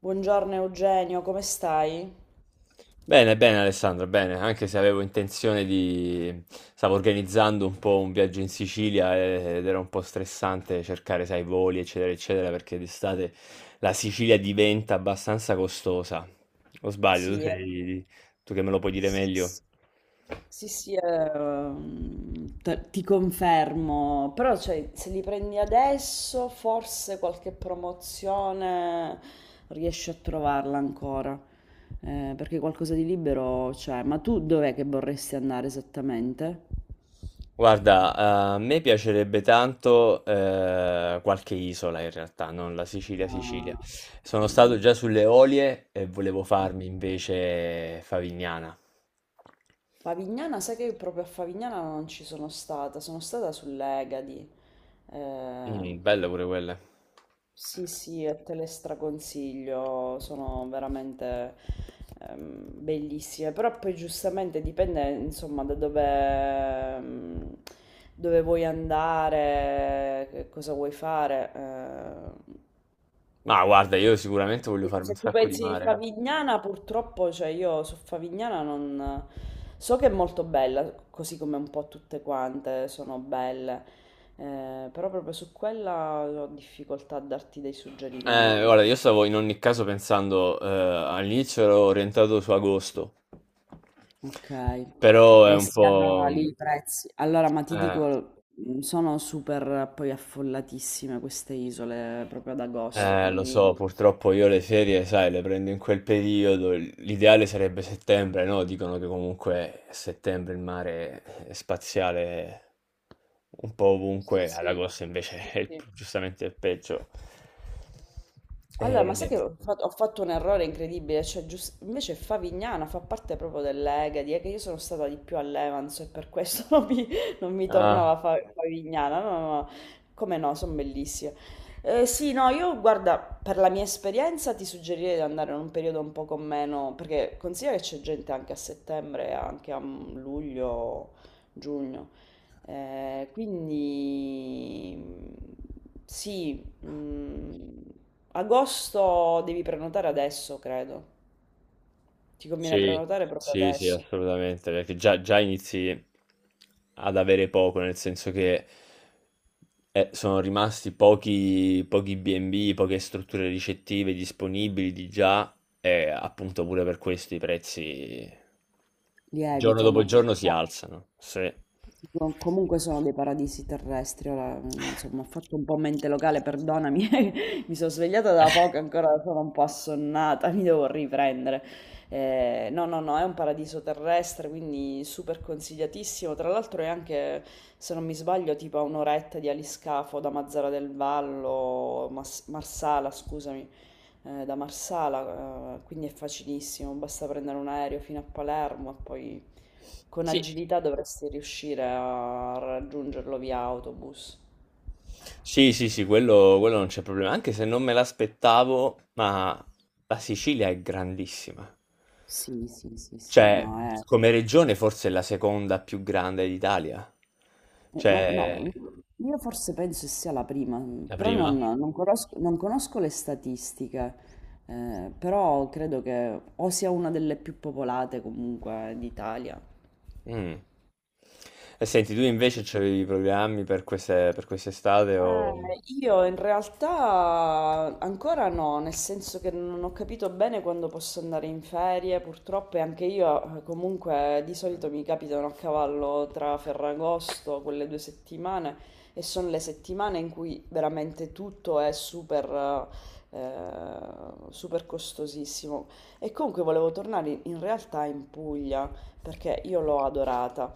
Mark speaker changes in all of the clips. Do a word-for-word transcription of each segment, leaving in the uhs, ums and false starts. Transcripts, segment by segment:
Speaker 1: Buongiorno Eugenio, come stai?
Speaker 2: Bene, bene Alessandro, bene, anche se avevo intenzione di stavo organizzando un po' un viaggio in Sicilia eh, ed era un po' stressante cercare, sai, voli, eccetera, eccetera, perché d'estate la Sicilia diventa abbastanza costosa. O sbaglio, tu
Speaker 1: Sì, è...
Speaker 2: sei tu che me lo puoi dire
Speaker 1: Sì,
Speaker 2: meglio.
Speaker 1: sì. Sì, sì, ehm, te- ti confermo, però cioè, se li prendi adesso forse qualche promozione riesci a trovarla ancora, eh, perché qualcosa di libero c'è. Ma tu dov'è che vorresti andare esattamente?
Speaker 2: Guarda, a me piacerebbe tanto eh, qualche isola in realtà, non la Sicilia, Sicilia.
Speaker 1: Ah,
Speaker 2: Sono
Speaker 1: sì.
Speaker 2: stato già sulle Olie e volevo farmi invece Favignana.
Speaker 1: Favignana, sai che proprio a Favignana non ci sono stata, sono stata sull'Egadi. Eh,
Speaker 2: Mh, belle pure quelle.
Speaker 1: sì, sì, e te le straconsiglio, sono veramente ehm, bellissime, però poi giustamente dipende insomma da dove, ehm, dove vuoi andare, che cosa vuoi fare. Eh.
Speaker 2: Ma guarda, io sicuramente voglio farmi un
Speaker 1: Se tu
Speaker 2: sacco di
Speaker 1: pensi
Speaker 2: mare.
Speaker 1: Favignana, purtroppo, cioè io su Favignana non... So che è molto bella, così come un po' tutte quante sono belle, eh, però proprio su quella ho difficoltà a darti dei
Speaker 2: Eh,
Speaker 1: suggerimenti.
Speaker 2: guarda, io stavo in ogni caso pensando, eh, all'inizio ero orientato su agosto,
Speaker 1: Ok,
Speaker 2: però è
Speaker 1: eh
Speaker 2: un
Speaker 1: sì, allora
Speaker 2: po'
Speaker 1: lì
Speaker 2: mh,
Speaker 1: i prezzi. Allora, ma ti
Speaker 2: eh.
Speaker 1: dico, mh, sono super poi affollatissime queste isole proprio ad agosto,
Speaker 2: Eh, lo
Speaker 1: quindi
Speaker 2: so, purtroppo io le ferie, sai, le prendo in quel periodo. L'ideale sarebbe settembre, no? Dicono che comunque a settembre il mare è spaziale un po'
Speaker 1: sì,
Speaker 2: ovunque, ad
Speaker 1: sì,
Speaker 2: agosto
Speaker 1: sì,
Speaker 2: invece è il-
Speaker 1: sì.
Speaker 2: giustamente il peggio.
Speaker 1: Allora, ma sai
Speaker 2: Eh,
Speaker 1: che ho fatto, ho fatto un errore incredibile, cioè gius- invece Favignana fa parte proprio dell'Egadi, è che io sono stata di più all'Evans e per questo non mi, non mi
Speaker 2: ah,
Speaker 1: tornava Fa- Favignana, no, no, no. Come no, sono bellissime. Eh, sì, no, io guarda, per la mia esperienza ti suggerirei di andare in un periodo un po' con meno, perché considera che c'è gente anche a settembre, anche a luglio, giugno. Eh, quindi sì, mm, agosto devi prenotare adesso, credo. Ti conviene
Speaker 2: Sì,
Speaker 1: prenotare proprio
Speaker 2: sì, sì,
Speaker 1: adesso.
Speaker 2: assolutamente, perché già, già inizi ad avere poco, nel senso che eh, sono rimasti pochi, pochi bi e bi, poche strutture ricettive disponibili di già e appunto pure per questo i prezzi giorno
Speaker 1: Lievitano.
Speaker 2: dopo giorno si alzano. Sì.
Speaker 1: Tipo, comunque sono dei paradisi terrestri, ora mm, insomma ho fatto un po' mente locale, perdonami, mi sono svegliata da poco, ancora sono un po' assonnata, mi devo riprendere. Eh, no, no, no, è un paradiso terrestre, quindi super consigliatissimo. Tra l'altro è anche, se non mi sbaglio, tipo a un'oretta di aliscafo da Mazzara del Vallo, Mas- Marsala, scusami, eh, da Marsala, eh, quindi è facilissimo, basta prendere un aereo fino a Palermo e poi... Con
Speaker 2: Sì.
Speaker 1: agilità dovresti riuscire a raggiungerlo via autobus.
Speaker 2: Sì, sì, sì, quello, quello non c'è problema, anche se non me l'aspettavo, ma la Sicilia è grandissima.
Speaker 1: Sì, sì, sì, sì,
Speaker 2: Cioè,
Speaker 1: no, è...
Speaker 2: come regione forse è la seconda più grande d'Italia.
Speaker 1: Eh, ma
Speaker 2: Cioè,
Speaker 1: no, io forse penso sia la prima,
Speaker 2: la
Speaker 1: però
Speaker 2: prima?
Speaker 1: non, non conosco, non conosco le statistiche, eh, però credo che o sia una delle più popolate comunque d'Italia.
Speaker 2: Mm. E senti, tu invece c'avevi programmi per queste, per quest'estate o...
Speaker 1: Eh, io in realtà ancora no, nel senso che non ho capito bene quando posso andare in ferie, purtroppo e anche io eh, comunque di solito mi capitano a cavallo tra Ferragosto, quelle due settimane, e sono le settimane in cui veramente tutto è super, eh, super costosissimo. E comunque volevo tornare in in realtà in Puglia, perché io l'ho adorata.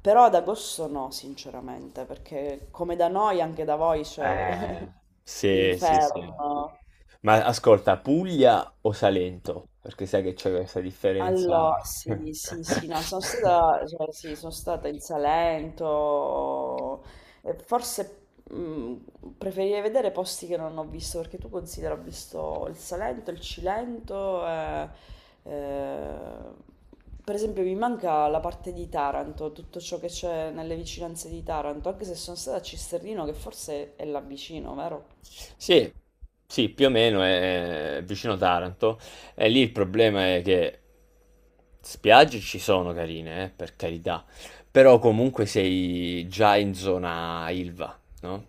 Speaker 1: Però ad agosto no, sinceramente, perché come da noi anche da voi c'è
Speaker 2: Eh, sì, sì, sì.
Speaker 1: l'inferno.
Speaker 2: Ma ascolta, Puglia o Salento? Perché sai che c'è questa differenza.
Speaker 1: Allo sì, sì, sì, no, sono stata, cioè, sì, sono stata in Salento, e forse mh, preferirei vedere posti che non ho visto, perché tu considera, ho visto il Salento, il Cilento, e, eh, per esempio mi manca la parte di Taranto, tutto ciò che c'è nelle vicinanze di Taranto, anche se sono stata a Cisternino, che forse è là vicino, vero?
Speaker 2: Sì, sì, più o meno è vicino Taranto. E lì il problema è che spiagge ci sono carine, eh, per carità, però comunque sei già in zona Ilva, no?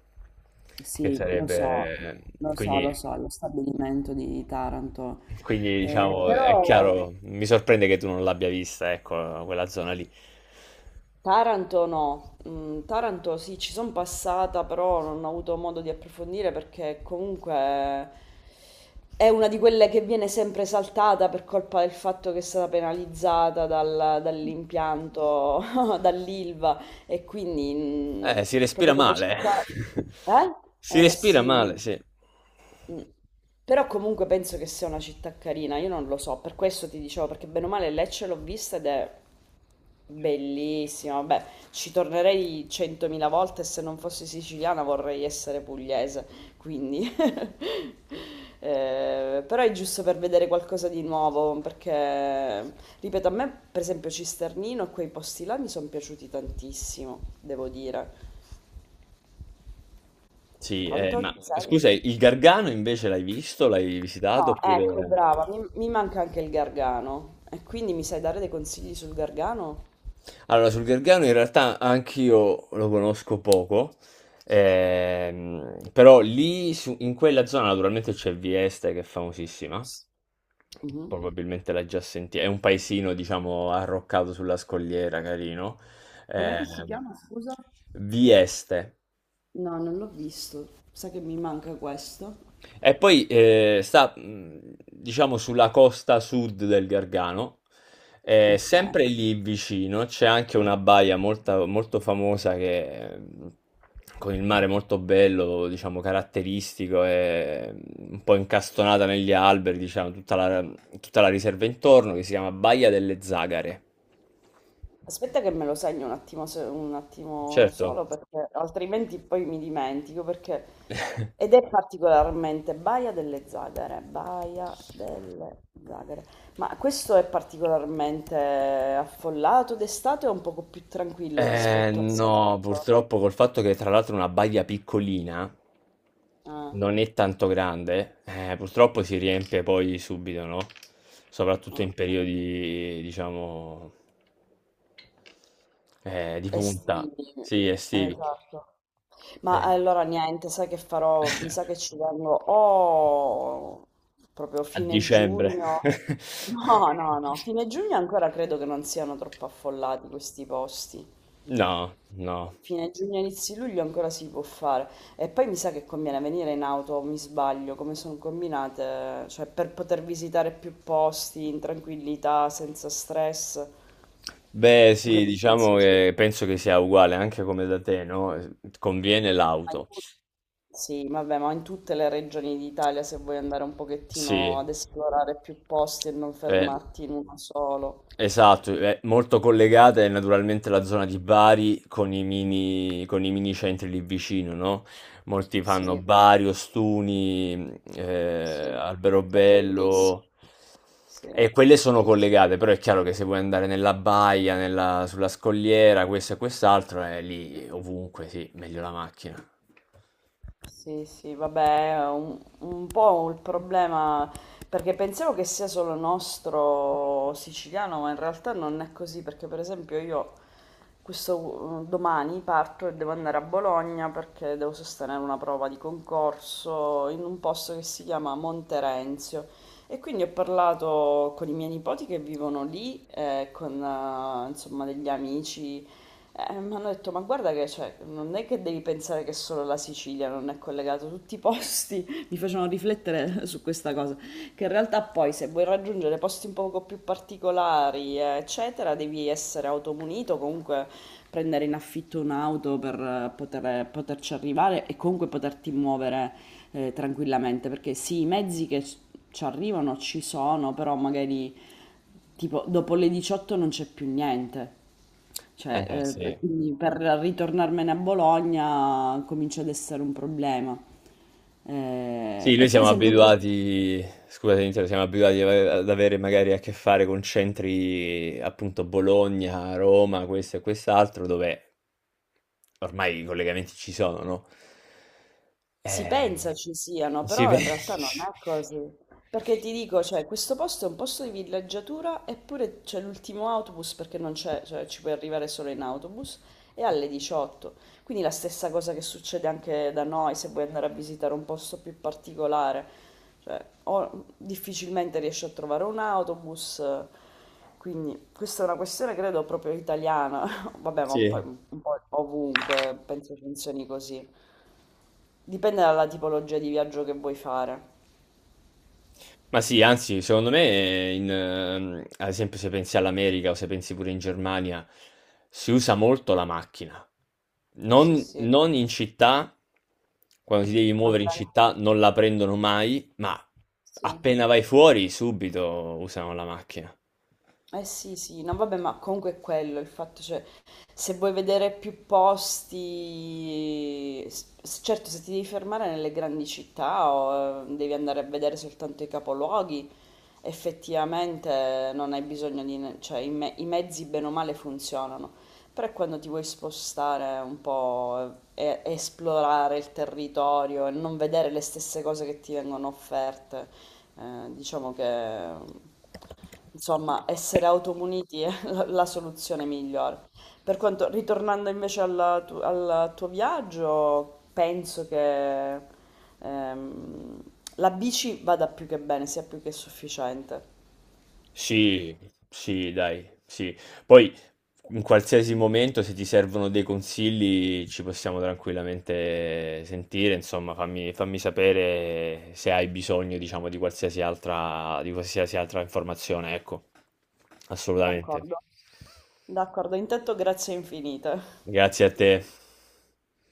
Speaker 2: Che
Speaker 1: Sì, lo so,
Speaker 2: sarebbe...
Speaker 1: lo so,
Speaker 2: Quindi,
Speaker 1: lo so, lo stabilimento di Taranto.
Speaker 2: quindi
Speaker 1: Eh,
Speaker 2: diciamo, è
Speaker 1: però
Speaker 2: chiaro, mi sorprende che tu non l'abbia vista, ecco, quella zona lì.
Speaker 1: Taranto no, mm, Taranto sì, ci sono passata, però non ho avuto modo di approfondire perché comunque è una di quelle che viene sempre saltata per colpa del fatto che è stata penalizzata dal- dall'impianto, dall'Ilva e quindi
Speaker 2: Eh, si
Speaker 1: mm,
Speaker 2: respira
Speaker 1: proprio come
Speaker 2: male.
Speaker 1: città...
Speaker 2: Si
Speaker 1: Eh? Eh
Speaker 2: respira
Speaker 1: sì.
Speaker 2: male, sì.
Speaker 1: Mm. Però comunque penso che sia una città carina, io non lo so, per questo ti dicevo, perché bene o male Lecce l'ho vista ed è bellissima, vabbè, ci tornerei centomila volte e se non fossi siciliana vorrei essere pugliese, quindi... Eh, però è giusto per vedere qualcosa di nuovo, perché, ripeto, a me per esempio Cisternino e quei posti là mi sono piaciuti tantissimo, devo dire.
Speaker 2: Sì, eh,
Speaker 1: Pronto?
Speaker 2: ma
Speaker 1: Ci sei?
Speaker 2: scusa, il Gargano invece l'hai visto? L'hai visitato?
Speaker 1: No, ecco,
Speaker 2: Oppure...
Speaker 1: brava, mi, mi manca anche il gargano. E quindi mi sai dare dei consigli sul gargano?
Speaker 2: Allora, sul Gargano in realtà anch'io lo conosco poco, ehm, però lì su- in quella zona naturalmente c'è Vieste che è famosissima,
Speaker 1: Mhm.
Speaker 2: probabilmente l'hai già sentita, è un paesino diciamo arroccato sulla scogliera, carino.
Speaker 1: Com'è che si
Speaker 2: ehm,
Speaker 1: chiama, scusa?
Speaker 2: Vieste.
Speaker 1: No, non l'ho visto. Sa che mi manca questo?
Speaker 2: E poi eh, sta, mh, diciamo, sulla costa sud del Gargano, eh,
Speaker 1: Ok.
Speaker 2: sempre lì vicino c'è anche una baia molta- molto famosa che, mh, con il mare molto bello, diciamo, caratteristico, e mh, un po' incastonata negli alberi, diciamo, tutta la, tutta la riserva intorno, che si chiama Baia delle Zagare.
Speaker 1: Aspetta che me lo segno un attimo, se- un attimo solo
Speaker 2: Certo.
Speaker 1: perché altrimenti poi mi dimentico perché ed è particolarmente Baia delle Zagare, Baia delle Zagare. Ma questo è particolarmente affollato d'estate o un poco più tranquillo
Speaker 2: Eh
Speaker 1: rispetto al
Speaker 2: no,
Speaker 1: Salento?
Speaker 2: purtroppo col fatto che tra l'altro è una baia piccolina,
Speaker 1: Ah,
Speaker 2: non è tanto grande, eh, purtroppo si riempie poi subito, no? Soprattutto in
Speaker 1: ok.
Speaker 2: periodi, diciamo, eh, di punta,
Speaker 1: Estivi,
Speaker 2: sì, estivi,
Speaker 1: esatto. Ma
Speaker 2: eh,
Speaker 1: allora niente, sai che farò? Mi sa che ci vengo o proprio
Speaker 2: a
Speaker 1: fine
Speaker 2: dicembre.
Speaker 1: giugno. No, no, no, fine giugno ancora credo che non siano troppo affollati questi posti.
Speaker 2: No, no.
Speaker 1: Fine giugno, inizio luglio ancora si può fare. E poi mi sa che conviene venire in auto, mi sbaglio, come sono combinate, cioè per poter visitare più posti in tranquillità, senza stress.
Speaker 2: Beh,
Speaker 1: Tu che
Speaker 2: sì,
Speaker 1: mi
Speaker 2: diciamo
Speaker 1: consigli?
Speaker 2: che penso che sia uguale anche come da te, no? Eh, conviene
Speaker 1: Ma in
Speaker 2: l'auto.
Speaker 1: tut- sì, vabbè, ma in tutte le regioni d'Italia se vuoi andare un pochettino
Speaker 2: Sì,
Speaker 1: ad esplorare più posti e non
Speaker 2: eh,
Speaker 1: fermarti in uno solo.
Speaker 2: esatto, è molto collegata è naturalmente la zona di Bari con i mini, con i mini centri lì vicino, no? Molti
Speaker 1: Sì,
Speaker 2: fanno Bari, Ostuni,
Speaker 1: sì,
Speaker 2: eh,
Speaker 1: è bellissimo.
Speaker 2: Alberobello
Speaker 1: Sì,
Speaker 2: e quelle sono
Speaker 1: sì, sì. Sì.
Speaker 2: collegate, però è chiaro che se vuoi andare nella baia, nella- sulla scogliera, questo e quest'altro, è lì ovunque, sì, meglio la macchina.
Speaker 1: Sì, sì, vabbè, è un, un po' il problema, perché pensavo che sia solo nostro siciliano, ma in realtà non è così, perché per esempio io questo eh, domani parto e devo andare a Bologna perché devo sostenere una prova di concorso in un posto che si chiama Monterenzio e quindi ho parlato con i miei nipoti che vivono lì, eh, con eh, insomma degli amici eh, mi hanno detto, ma guarda che cioè, non è che devi pensare che solo la Sicilia non è collegata, tutti i posti mi facevano riflettere su questa cosa, che in realtà poi se vuoi raggiungere posti un poco più particolari, eh, eccetera, devi essere automunito, comunque prendere in affitto un'auto per eh, poter- eh, poterci arrivare e comunque poterti muovere eh, tranquillamente, perché sì, i mezzi che ci arrivano ci sono, però magari tipo dopo le diciotto non c'è più niente.
Speaker 2: Eh
Speaker 1: Cioè,
Speaker 2: sì.
Speaker 1: eh, quindi per ritornarmene a Bologna comincia ad essere un problema. Eh,
Speaker 2: Sì, noi
Speaker 1: e per
Speaker 2: siamo
Speaker 1: esempio questo...
Speaker 2: abituati, scusate, Nintendo, siamo abituati a- ad avere magari a che fare con centri appunto Bologna, Roma, questo e quest'altro, dove ormai i collegamenti ci sono, no?
Speaker 1: Si
Speaker 2: Eh,
Speaker 1: pensa ci siano,
Speaker 2: sì,
Speaker 1: però
Speaker 2: beh,
Speaker 1: in realtà non è così. Perché ti dico, cioè, questo posto è un posto di villeggiatura, eppure c'è l'ultimo autobus perché non c'è, cioè, ci puoi arrivare solo in autobus, e alle diciotto. Quindi la stessa cosa che succede anche da noi se vuoi andare a visitare un posto più particolare. Cioè, o difficilmente riesci a trovare un autobus, quindi questa è una questione credo proprio italiana. Vabbè, ma poi
Speaker 2: sì.
Speaker 1: un po' ovunque penso funzioni così. Dipende dalla tipologia di viaggio che vuoi fare.
Speaker 2: Ma sì, anzi, secondo me, in, ehm, ad esempio, se pensi all'America o se pensi pure in Germania, si usa molto la macchina.
Speaker 1: Sì,
Speaker 2: Non,
Speaker 1: sì,
Speaker 2: non in città, quando ti devi
Speaker 1: ma
Speaker 2: muovere in
Speaker 1: per...
Speaker 2: città, non la prendono mai, ma
Speaker 1: Sì.
Speaker 2: appena vai fuori, subito usano la macchina.
Speaker 1: Eh sì, sì, no vabbè, ma comunque è quello il fatto, cioè, se vuoi vedere più posti, s- certo se ti devi fermare nelle grandi città o eh, devi andare a vedere soltanto i capoluoghi, effettivamente non hai bisogno di, ne- cioè i, me- i mezzi bene o male funzionano, però quando ti vuoi spostare un po' e e esplorare il territorio e non vedere le stesse cose che ti vengono offerte, eh, diciamo che... Insomma, essere automuniti è la, la soluzione migliore. Per quanto, ritornando invece alla tu- al tuo viaggio, penso che ehm, la bici vada più che bene, sia più che sufficiente.
Speaker 2: Sì, sì, dai, sì. Poi in qualsiasi momento se ti servono dei consigli ci possiamo tranquillamente sentire, insomma, fammi, fammi sapere se hai bisogno, diciamo, di qualsiasi altra, di qualsiasi altra informazione, ecco. Assolutamente.
Speaker 1: D'accordo, d'accordo. Intanto grazie infinite.
Speaker 2: Grazie a te.